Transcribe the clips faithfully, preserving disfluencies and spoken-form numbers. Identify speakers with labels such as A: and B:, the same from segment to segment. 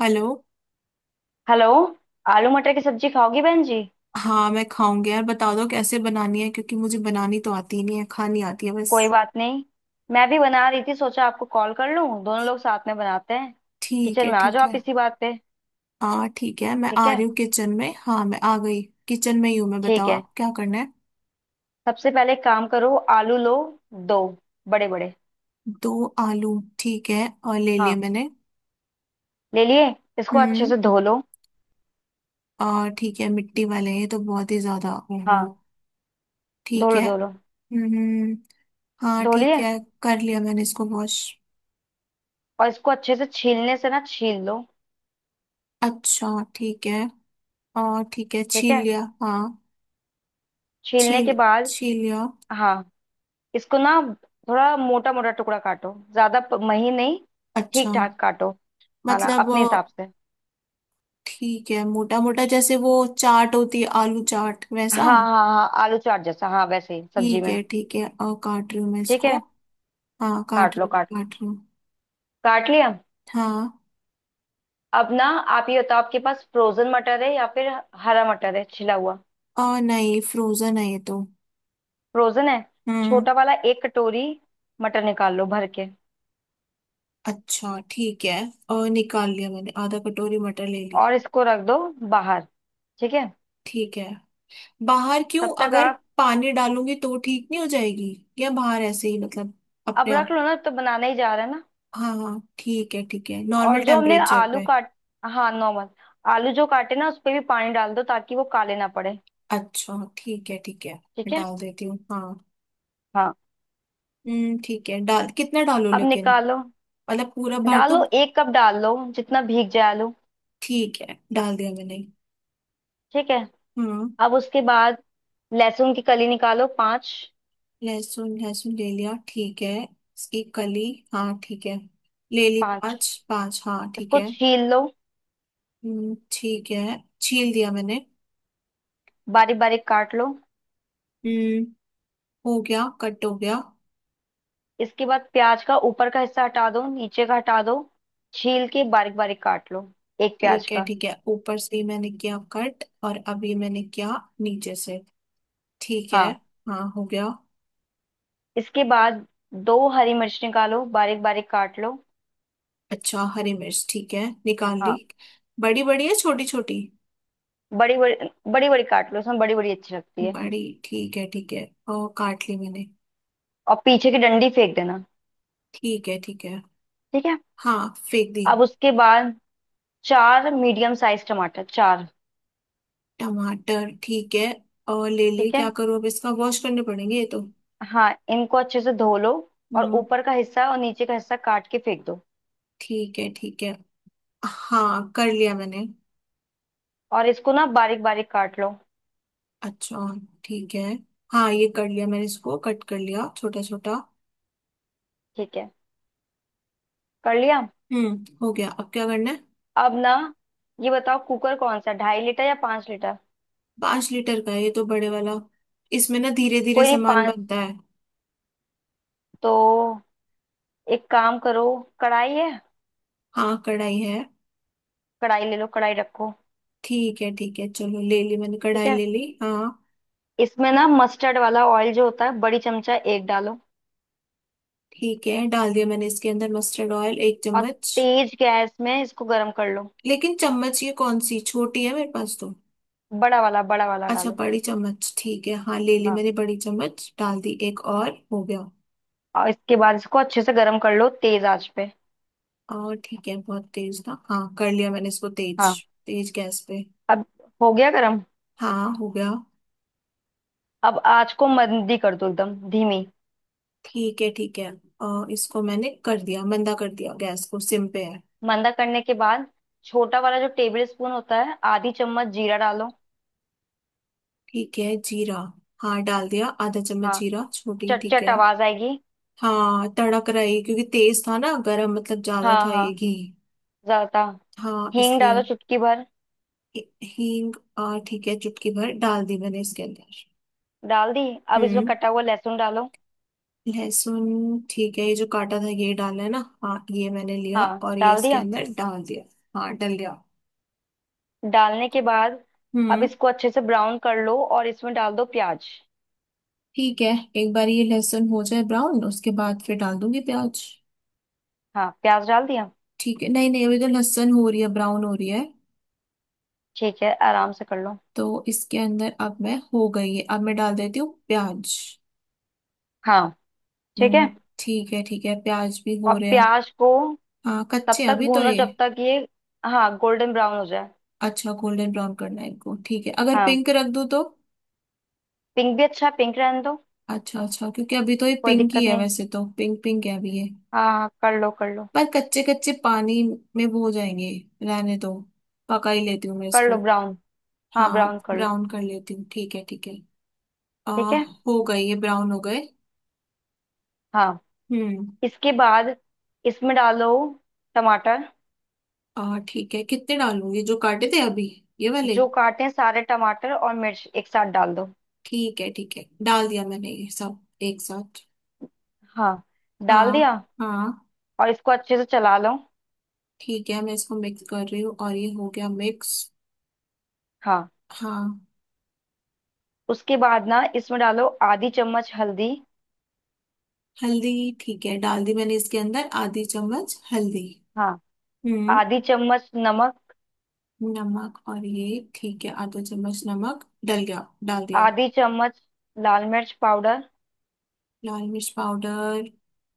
A: Hello.
B: Hello. आलू मटर की सब्जी खाओगी बहन जी?
A: हाँ मैं खाऊंगी यार, बता दो कैसे बनानी है, क्योंकि मुझे बनानी तो आती ही नहीं है, खानी आती है बस।
B: कोई बात नहीं। मैं भी बना रही थी, सोचा आपको कॉल कर लूं, दोनों लोग साथ में बनाते हैं।
A: ठीक
B: किचन
A: है
B: में आ जाओ
A: ठीक
B: आप
A: है।
B: इसी बात पे।
A: हाँ ठीक है, मैं
B: ठीक
A: आ
B: है,
A: रही हूँ किचन में। हाँ मैं आ गई। किचन में ही हूँ मैं,
B: ठीक
A: बताओ
B: है।
A: आप क्या करना है।
B: सबसे पहले एक काम करो, आलू लो। दो। बड़े बड़े।
A: दो आलू। ठीक है, और ले लिए
B: हाँ,
A: मैंने।
B: ले लिए। इसको अच्छे
A: हम्म।
B: से धो लो।
A: और ठीक है, मिट्टी वाले हैं ये तो बहुत ही ज्यादा, ओहो।
B: हाँ, धो
A: ठीक
B: लो,
A: है।
B: धो लो।
A: हम्म। हाँ
B: धो
A: ठीक
B: लिए।
A: है, कर लिया मैंने इसको वॉश।
B: और इसको अच्छे से छीलने से ना छील लो।
A: अच्छा ठीक है। और ठीक है,
B: ठीक
A: छील
B: है,
A: लिया हाँ।
B: छीलने
A: छील,
B: के बाद,
A: छील लिया।
B: हाँ, इसको ना थोड़ा मोटा मोटा टुकड़ा काटो, ज्यादा प- महीन नहीं। ठीक
A: अच्छा।
B: ठाक काटो। हाँ ना,
A: मतलब
B: अपने
A: अ,
B: हिसाब से।
A: ठीक है, मोटा मोटा जैसे वो चाट होती है, आलू चाट
B: हाँ,
A: वैसा।
B: हाँ, हाँ, आलू चाट जैसा, हाँ वैसे ही सब्जी
A: ठीक
B: में।
A: है ठीक है, और काट रही हूँ मैं
B: ठीक
A: इसको।
B: है।
A: हाँ काट
B: काट लो,
A: रही हूँ,
B: काट लो।
A: काट रही हूँ।
B: काट लिया।
A: हाँ।
B: अब ना, आप ये बताओ, आपके पास फ्रोजन मटर है या फिर हरा मटर है छिला हुआ?
A: और नहीं, फ्रोजन है ये तो।
B: फ्रोजन है।
A: हम्म।
B: छोटा वाला एक कटोरी मटर निकाल लो भर के।
A: अच्छा ठीक है। और निकाल लिया मैंने, आधा कटोरी मटर ले ली।
B: और इसको रख दो बाहर। ठीक है,
A: ठीक है। बाहर क्यों?
B: तब तक
A: अगर
B: आप,
A: पानी डालूंगी तो ठीक नहीं हो जाएगी? या बाहर ऐसे ही मतलब अपने
B: अब रख
A: आप?
B: लो ना तो बनाना ही जा रहा है ना।
A: हाँ हाँ, ठीक है ठीक है, नॉर्मल
B: और जो हमने
A: टेम्परेचर
B: आलू
A: पे।
B: काट, हाँ, नॉर्मल। आलू जो काटे ना उस पे भी पानी डाल दो ताकि वो काले ना पड़े।
A: अच्छा ठीक है ठीक है, मैं
B: ठीक है।
A: डाल देती हूँ हाँ।
B: हाँ।
A: हम्म। ठीक है, डाल कितना डालूं
B: अब
A: लेकिन?
B: निकालो।
A: मतलब पूरा भर
B: डालो
A: तो?
B: एक कप, डाल लो जितना भीग जाए आलू।
A: ठीक है, डाल दिया मैंने।
B: ठीक है।
A: हम्म।
B: अब उसके बाद लहसुन की कली निकालो पांच।
A: लहसुन, लहसुन ले लिया। ठीक है, इसकी कली। हाँ ठीक है, ले ली।
B: पांच।
A: पाँच पाँच, हाँ ठीक
B: इसको
A: है।
B: छील लो।
A: हम्म, ठीक है, छील दिया मैंने।
B: बारीक बारीक काट लो।
A: हम्म, हो गया, कट हो गया।
B: इसके बाद प्याज का ऊपर का हिस्सा हटा दो, नीचे का हटा दो, छील के बारीक बारीक काट लो, एक प्याज
A: ठीक है
B: का।
A: ठीक है, ऊपर से ही मैंने किया कट, और अभी मैंने किया नीचे से। ठीक है।
B: हाँ।
A: हाँ हो गया।
B: इसके बाद दो हरी मिर्च निकालो, बारीक बारीक काट लो।
A: अच्छा, हरी मिर्च ठीक है, निकाल ली।
B: हाँ।
A: बड़ी बड़ी है छोटी छोटी?
B: बड़ी बड़ी, बड़ी बड़ी काट लो, उसमें बड़ी बड़ी अच्छी लगती है।
A: बड़ी, ठीक है ठीक है, और काट ली मैंने।
B: और पीछे की डंडी फेंक देना।
A: ठीक है ठीक है।
B: ठीक है।
A: हाँ फेंक दी।
B: अब उसके बाद चार मीडियम साइज टमाटर, चार।
A: टमाटर ठीक है, और ले लिए।
B: ठीक
A: क्या
B: है।
A: करूँ, अब इसका वॉश करने पड़ेंगे ये तो।
B: हाँ, इनको अच्छे से धो लो। और
A: हम्म।
B: ऊपर का हिस्सा और नीचे का हिस्सा काट के फेंक दो।
A: ठीक है ठीक है, हाँ कर लिया मैंने।
B: और इसको ना बारीक बारीक काट लो।
A: अच्छा ठीक है। हाँ ये कर लिया मैंने, इसको कट कर लिया छोटा छोटा।
B: ठीक है, कर लिया।
A: हम्म, हो गया, अब क्या करना है?
B: अब ना, ये बताओ कुकर कौन सा, ढाई लीटर या पांच लीटर?
A: पांच लीटर का है ये तो, बड़े वाला। इसमें ना धीरे धीरे
B: कोई नहीं,
A: सामान
B: पांच।
A: बनता है।
B: तो एक काम करो, कढ़ाई है?
A: हाँ कढ़ाई है।
B: कढ़ाई ले लो, कढ़ाई रखो।
A: ठीक है ठीक है, चलो ले ली मैंने,
B: ठीक
A: कढ़ाई
B: है।
A: ले ली हाँ।
B: इसमें ना मस्टर्ड वाला ऑयल जो होता है बड़ी चमचा एक डालो।
A: ठीक है, डाल दिया मैंने इसके अंदर मस्टर्ड ऑयल, एक
B: और
A: चम्मच।
B: तेज गैस में इसको गर्म कर लो।
A: लेकिन चम्मच ये कौन सी, छोटी है मेरे पास तो।
B: बड़ा वाला, बड़ा वाला
A: अच्छा
B: डालो।
A: बड़ी चम्मच, ठीक है। हाँ ले ली
B: हाँ।
A: मैंने बड़ी चम्मच, डाल दी एक, और हो गया।
B: और इसके बाद इसको अच्छे से गर्म कर लो तेज आंच पे।
A: और ठीक है, बहुत तेज था। हाँ कर लिया मैंने इसको तेज,
B: हाँ।
A: तेज गैस पे।
B: अब हो गया गर्म?
A: हाँ हो गया।
B: अब आँच को मंदी कर दो, एकदम धीमी।
A: ठीक है ठीक है, और इसको मैंने कर दिया मंदा, कर दिया गैस को, सिम पे है।
B: मंदा करने के बाद छोटा वाला जो टेबल स्पून होता है, आधी चम्मच जीरा डालो।
A: ठीक है, जीरा, हाँ डाल दिया आधा चम्मच
B: हाँ।
A: जीरा, छोटी,
B: चट
A: ठीक
B: चट
A: है।
B: आवाज आएगी।
A: हाँ तड़क रही, क्योंकि तेज था ना गरम, मतलब ज्यादा
B: हाँ
A: था ये
B: हाँ,
A: घी।
B: ज्यादा।
A: हाँ
B: हींग
A: इसलिए।
B: डालो चुटकी भर।
A: हि- हींग आ, ठीक है, चुटकी भर डाल दी मैंने इसके अंदर।
B: डाल दी। अब इसमें
A: हम्म।
B: कटा हुआ लहसुन डालो।
A: लहसुन ठीक है, ये जो काटा था ये डाला है ना। हाँ ये मैंने लिया
B: हाँ,
A: और ये
B: डाल
A: इसके
B: दिया।
A: अंदर डाल दिया। हाँ डल गया।
B: डालने के बाद अब
A: हम्म
B: इसको अच्छे से ब्राउन कर लो और इसमें डाल दो प्याज।
A: ठीक है, एक बार ये लहसुन हो जाए ब्राउन, उसके बाद फिर डाल दूंगी प्याज।
B: हाँ, प्याज डाल दिया।
A: ठीक है, नहीं नहीं, अभी तो लहसुन हो रही है ब्राउन, हो रही है।
B: ठीक है, आराम से कर लो।
A: तो इसके अंदर अब मैं, हो गई है, अब मैं डाल देती हूँ प्याज।
B: हाँ, ठीक है।
A: हम्म। ठीक है ठीक है, प्याज भी
B: और
A: हो रहे हैं।
B: प्याज को
A: हाँ कच्चे
B: तब
A: हैं
B: तक
A: अभी तो
B: भूनो
A: ये।
B: जब तक ये, हाँ, गोल्डन ब्राउन हो जाए।
A: अच्छा, गोल्डन ब्राउन करना है इनको, ठीक है। अगर
B: हाँ,
A: पिंक रख दूँ तो?
B: पिंक भी अच्छा है, पिंक रहने दो।
A: अच्छा अच्छा, क्योंकि अभी तो ये
B: कोई
A: पिंक ही
B: दिक्कत
A: है,
B: नहीं।
A: वैसे तो पिंक पिंक है अभी ये।
B: हाँ हाँ, कर लो, कर लो।
A: पर कच्चे कच्चे पानी में वो हो जाएंगे। रहने दो, पका ही लेती हूँ मैं
B: कर लो
A: इसको।
B: ब्राउन। हाँ,
A: हाँ
B: ब्राउन कर लो।
A: ब्राउन कर लेती हूँ, ठीक है ठीक है। आ,
B: ठीक है।
A: हो गए ये, ब्राउन हो गए।
B: हाँ।
A: हम्म।
B: इसके बाद इसमें डालो टमाटर।
A: आ, ठीक है, कितने डालूंगी? जो काटे थे अभी ये वाले?
B: जो काटे हैं सारे टमाटर और मिर्च एक साथ डाल दो।
A: ठीक है ठीक है, डाल दिया मैंने ये सब एक साथ।
B: हाँ, डाल
A: हाँ
B: दिया।
A: हाँ।
B: और इसको अच्छे से चला लो।
A: ठीक है, मैं इसको मिक्स कर रही हूँ, और ये हो गया मिक्स।
B: हाँ।
A: हाँ।
B: उसके बाद ना इसमें डालो आधी चम्मच हल्दी।
A: हल्दी ठीक है, डाल दी मैंने इसके अंदर आधी चम्मच हल्दी।
B: हाँ।
A: हम्म।
B: आधी चम्मच नमक।
A: नमक, और ये ठीक है, आधा चम्मच नमक डल गया, डाल दिया।
B: आधी चम्मच लाल मिर्च पाउडर।
A: लाल मिर्च पाउडर,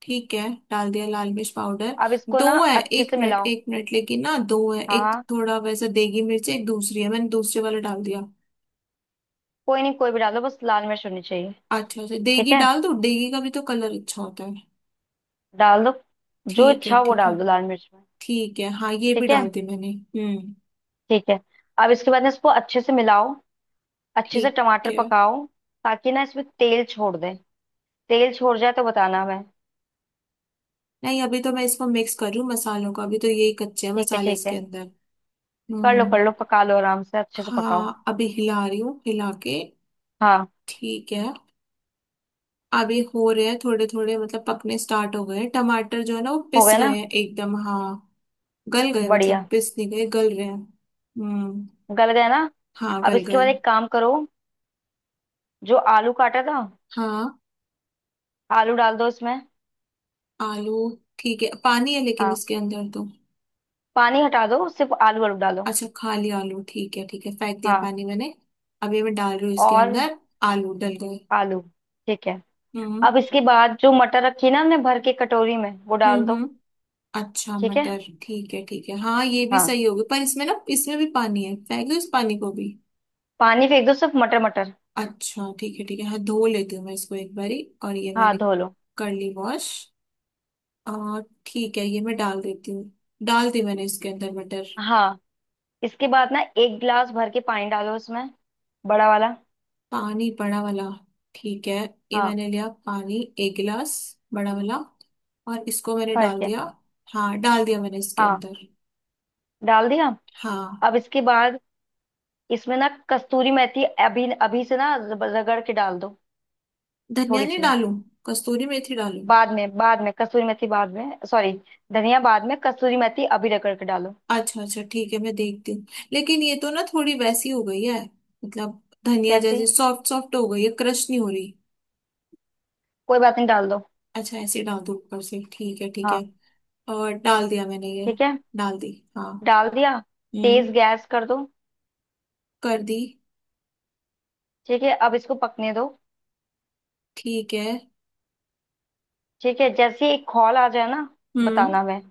A: ठीक है, डाल दिया लाल मिर्च पाउडर।
B: अब इसको
A: दो
B: ना
A: है,
B: अच्छे
A: एक
B: से
A: मिनट
B: मिलाओ।
A: एक मिनट, लेकिन ना दो है,
B: हाँ
A: एक
B: हाँ,
A: थोड़ा वैसा देगी मिर्च, एक दूसरी है, मैंने दूसरे वाला डाल दिया।
B: कोई नहीं, कोई भी डालो बस लाल मिर्च होनी चाहिए।
A: अच्छा अच्छा,
B: ठीक
A: देगी
B: है,
A: डाल दो, देगी का भी तो कलर अच्छा होता है।
B: डाल दो। जो
A: ठीक
B: इच्छा
A: है
B: हो वो
A: ठीक है।
B: डाल दो लाल मिर्च में।
A: ठीक है हाँ, ये भी
B: ठीक है,
A: डाल दी मैंने। हम्म।
B: ठीक है। अब इसके बाद ना इसको अच्छे से मिलाओ, अच्छे से
A: ठीक
B: टमाटर
A: है
B: पकाओ, ताकि ना इसमें तेल छोड़ दे। तेल छोड़ जाए तो बताना मैं।
A: नहीं, अभी तो मैं इसको मिक्स कर रही हूँ मसालों को, अभी तो यही कच्चे हैं
B: ठीक है,
A: मसाले
B: ठीक
A: इसके
B: है,
A: अंदर।
B: कर लो,
A: हम्म।
B: कर लो, पका लो आराम से अच्छे से पकाओ।
A: हाँ अभी हिला रही हूँ, हिला के।
B: हाँ।
A: ठीक है, अभी हो रहे हैं थोड़े थोड़े, मतलब पकने स्टार्ट हो गए हैं। टमाटर जो है ना, वो
B: हो
A: पिस
B: गया
A: गए
B: ना?
A: हैं एकदम हाँ। गल गए,
B: बढ़िया।
A: मतलब पिस नहीं गए, गल रहे हैं। हम्म।
B: गल गया ना?
A: हाँ
B: अब
A: गल
B: इसके
A: गए।
B: बाद एक काम करो, जो आलू काटा था,
A: हाँ।
B: आलू डाल दो इसमें।
A: आलू ठीक है, पानी है लेकिन
B: हाँ,
A: इसके अंदर तो।
B: पानी हटा दो, सिर्फ आलू, आलू डालो।
A: अच्छा खाली आलू, ठीक है ठीक है, फेंक दिया
B: हाँ।
A: पानी मैंने। अभी मैं डाल रही हूँ इसके
B: और
A: अंदर। आलू डल गए।
B: आलू, ठीक है।
A: हम्म
B: अब इसके बाद जो मटर रखी ना हमने भर के कटोरी में, वो
A: हम्म
B: डाल दो।
A: हम्म। अच्छा
B: ठीक है।
A: मटर ठीक है ठीक है, हाँ ये भी
B: हाँ,
A: सही होगी, पर इसमें ना, इसमें भी पानी है, फेंक दो इस पानी को भी।
B: पानी फेंक दो सिर्फ मटर, मटर।
A: अच्छा ठीक है ठीक है, हाँ धो लेती हूँ मैं इसको एक बारी, और ये
B: हाँ,
A: मैंने
B: धो लो।
A: कर ली वॉश। और ठीक है, ये मैं डाल देती हूँ, डाल दी मैंने इसके अंदर मटर।
B: हाँ, इसके बाद ना एक गिलास भर के पानी डालो उसमें, बड़ा वाला।
A: पानी? बड़ा वाला? ठीक है, ये
B: हाँ,
A: मैंने लिया पानी एक गिलास, बड़ा वाला। और इसको मैंने
B: भर
A: डाल
B: के।
A: दिया। हाँ डाल दिया मैंने इसके
B: हाँ,
A: अंदर।
B: डाल दिया।
A: हाँ।
B: अब इसके बाद इसमें ना कस्तूरी मेथी अभी अभी से ना रब- रगड़ के डाल दो।
A: धनिया
B: थोड़ी
A: नहीं
B: सी।
A: डालूं? कस्तूरी मेथी डालूं?
B: बाद में, बाद में कस्तूरी मेथी बाद में, सॉरी, धनिया बाद में, कस्तूरी मेथी अभी रगड़ के डालो।
A: अच्छा अच्छा ठीक है, मैं देखती हूँ। लेकिन ये तो ना, थोड़ी वैसी हो गई है, मतलब धनिया
B: कैसी?
A: जैसी, सॉफ्ट सॉफ्ट हो गई है, क्रश नहीं हो रही।
B: कोई बात नहीं, डाल दो।
A: अच्छा ऐसे डाल दो ऊपर से, ठीक है ठीक है।
B: हाँ,
A: और डाल दिया मैंने ये।
B: ठीक है,
A: डाल दी हाँ।
B: डाल दिया।
A: हम्म।
B: तेज गैस कर दो।
A: कर दी।
B: ठीक है, अब इसको पकने दो।
A: ठीक है।
B: ठीक है, जैसे ही एक कॉल आ जाए ना
A: हम्म।
B: बताना मैं,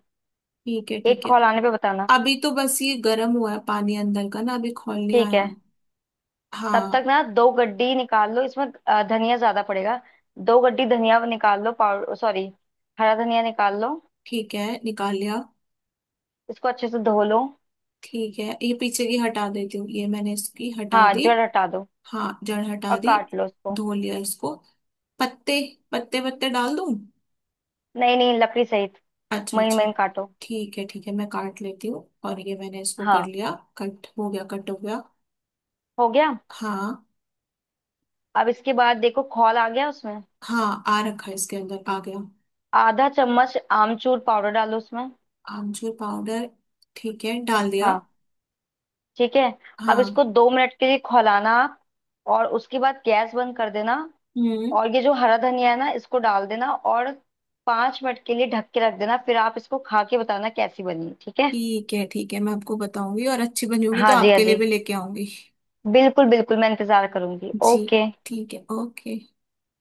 A: ठीक है
B: एक
A: ठीक है।
B: कॉल आने पे बताना।
A: अभी तो बस ये गर्म हुआ है, पानी अंदर का ना, अभी खोल नहीं
B: ठीक
A: आया।
B: है, तब तक
A: हाँ।
B: ना दो गड्डी निकाल लो, इसमें अ, धनिया ज्यादा पड़ेगा। दो गड्डी धनिया निकाल लो, पाउडर, सॉरी, हरा धनिया निकाल लो।
A: ठीक है निकाल लिया।
B: इसको अच्छे से धो लो।
A: ठीक है ये पीछे की हटा देती हूँ, ये मैंने इसकी हटा
B: हाँ,
A: दी।
B: जड़ हटा दो।
A: हाँ जड़
B: और
A: हटा दी।
B: काट लो इसको।
A: धो लिया इसको। पत्ते, पत्ते पत्ते डाल दूं?
B: नहीं नहीं, लकड़ी सहित
A: अच्छा
B: महीन
A: अच्छा।
B: महीन काटो।
A: ठीक है ठीक है, मैं काट लेती हूँ, और ये मैंने इसको कर
B: हाँ,
A: लिया। कट हो गया, कट हो गया।
B: हो गया।
A: हाँ।
B: अब इसके बाद देखो खौल आ गया उसमें?
A: हाँ आ रखा है, इसके अंदर आ गया।
B: आधा चम्मच आमचूर पाउडर डालो उसमें।
A: आमचूर पाउडर, ठीक है डाल दिया।
B: हाँ, ठीक है। अब इसको
A: हाँ।
B: दो मिनट के लिए खौलाना आप, और उसके बाद गैस बंद कर देना,
A: हम्म।
B: और ये जो हरा धनिया है ना इसको डाल देना, और पांच मिनट के लिए ढक के रख देना। फिर आप इसको खा के बताना कैसी बनी, ठीक है?
A: ठीक है ठीक है, मैं आपको बताऊंगी, और अच्छी बनी होगी तो
B: हाँ जी, हाँ
A: आपके लिए
B: जी,
A: भी लेके आऊंगी।
B: बिल्कुल बिल्कुल, मैं इंतजार करूंगी।
A: जी।
B: ओके।
A: ठीक है, ओके।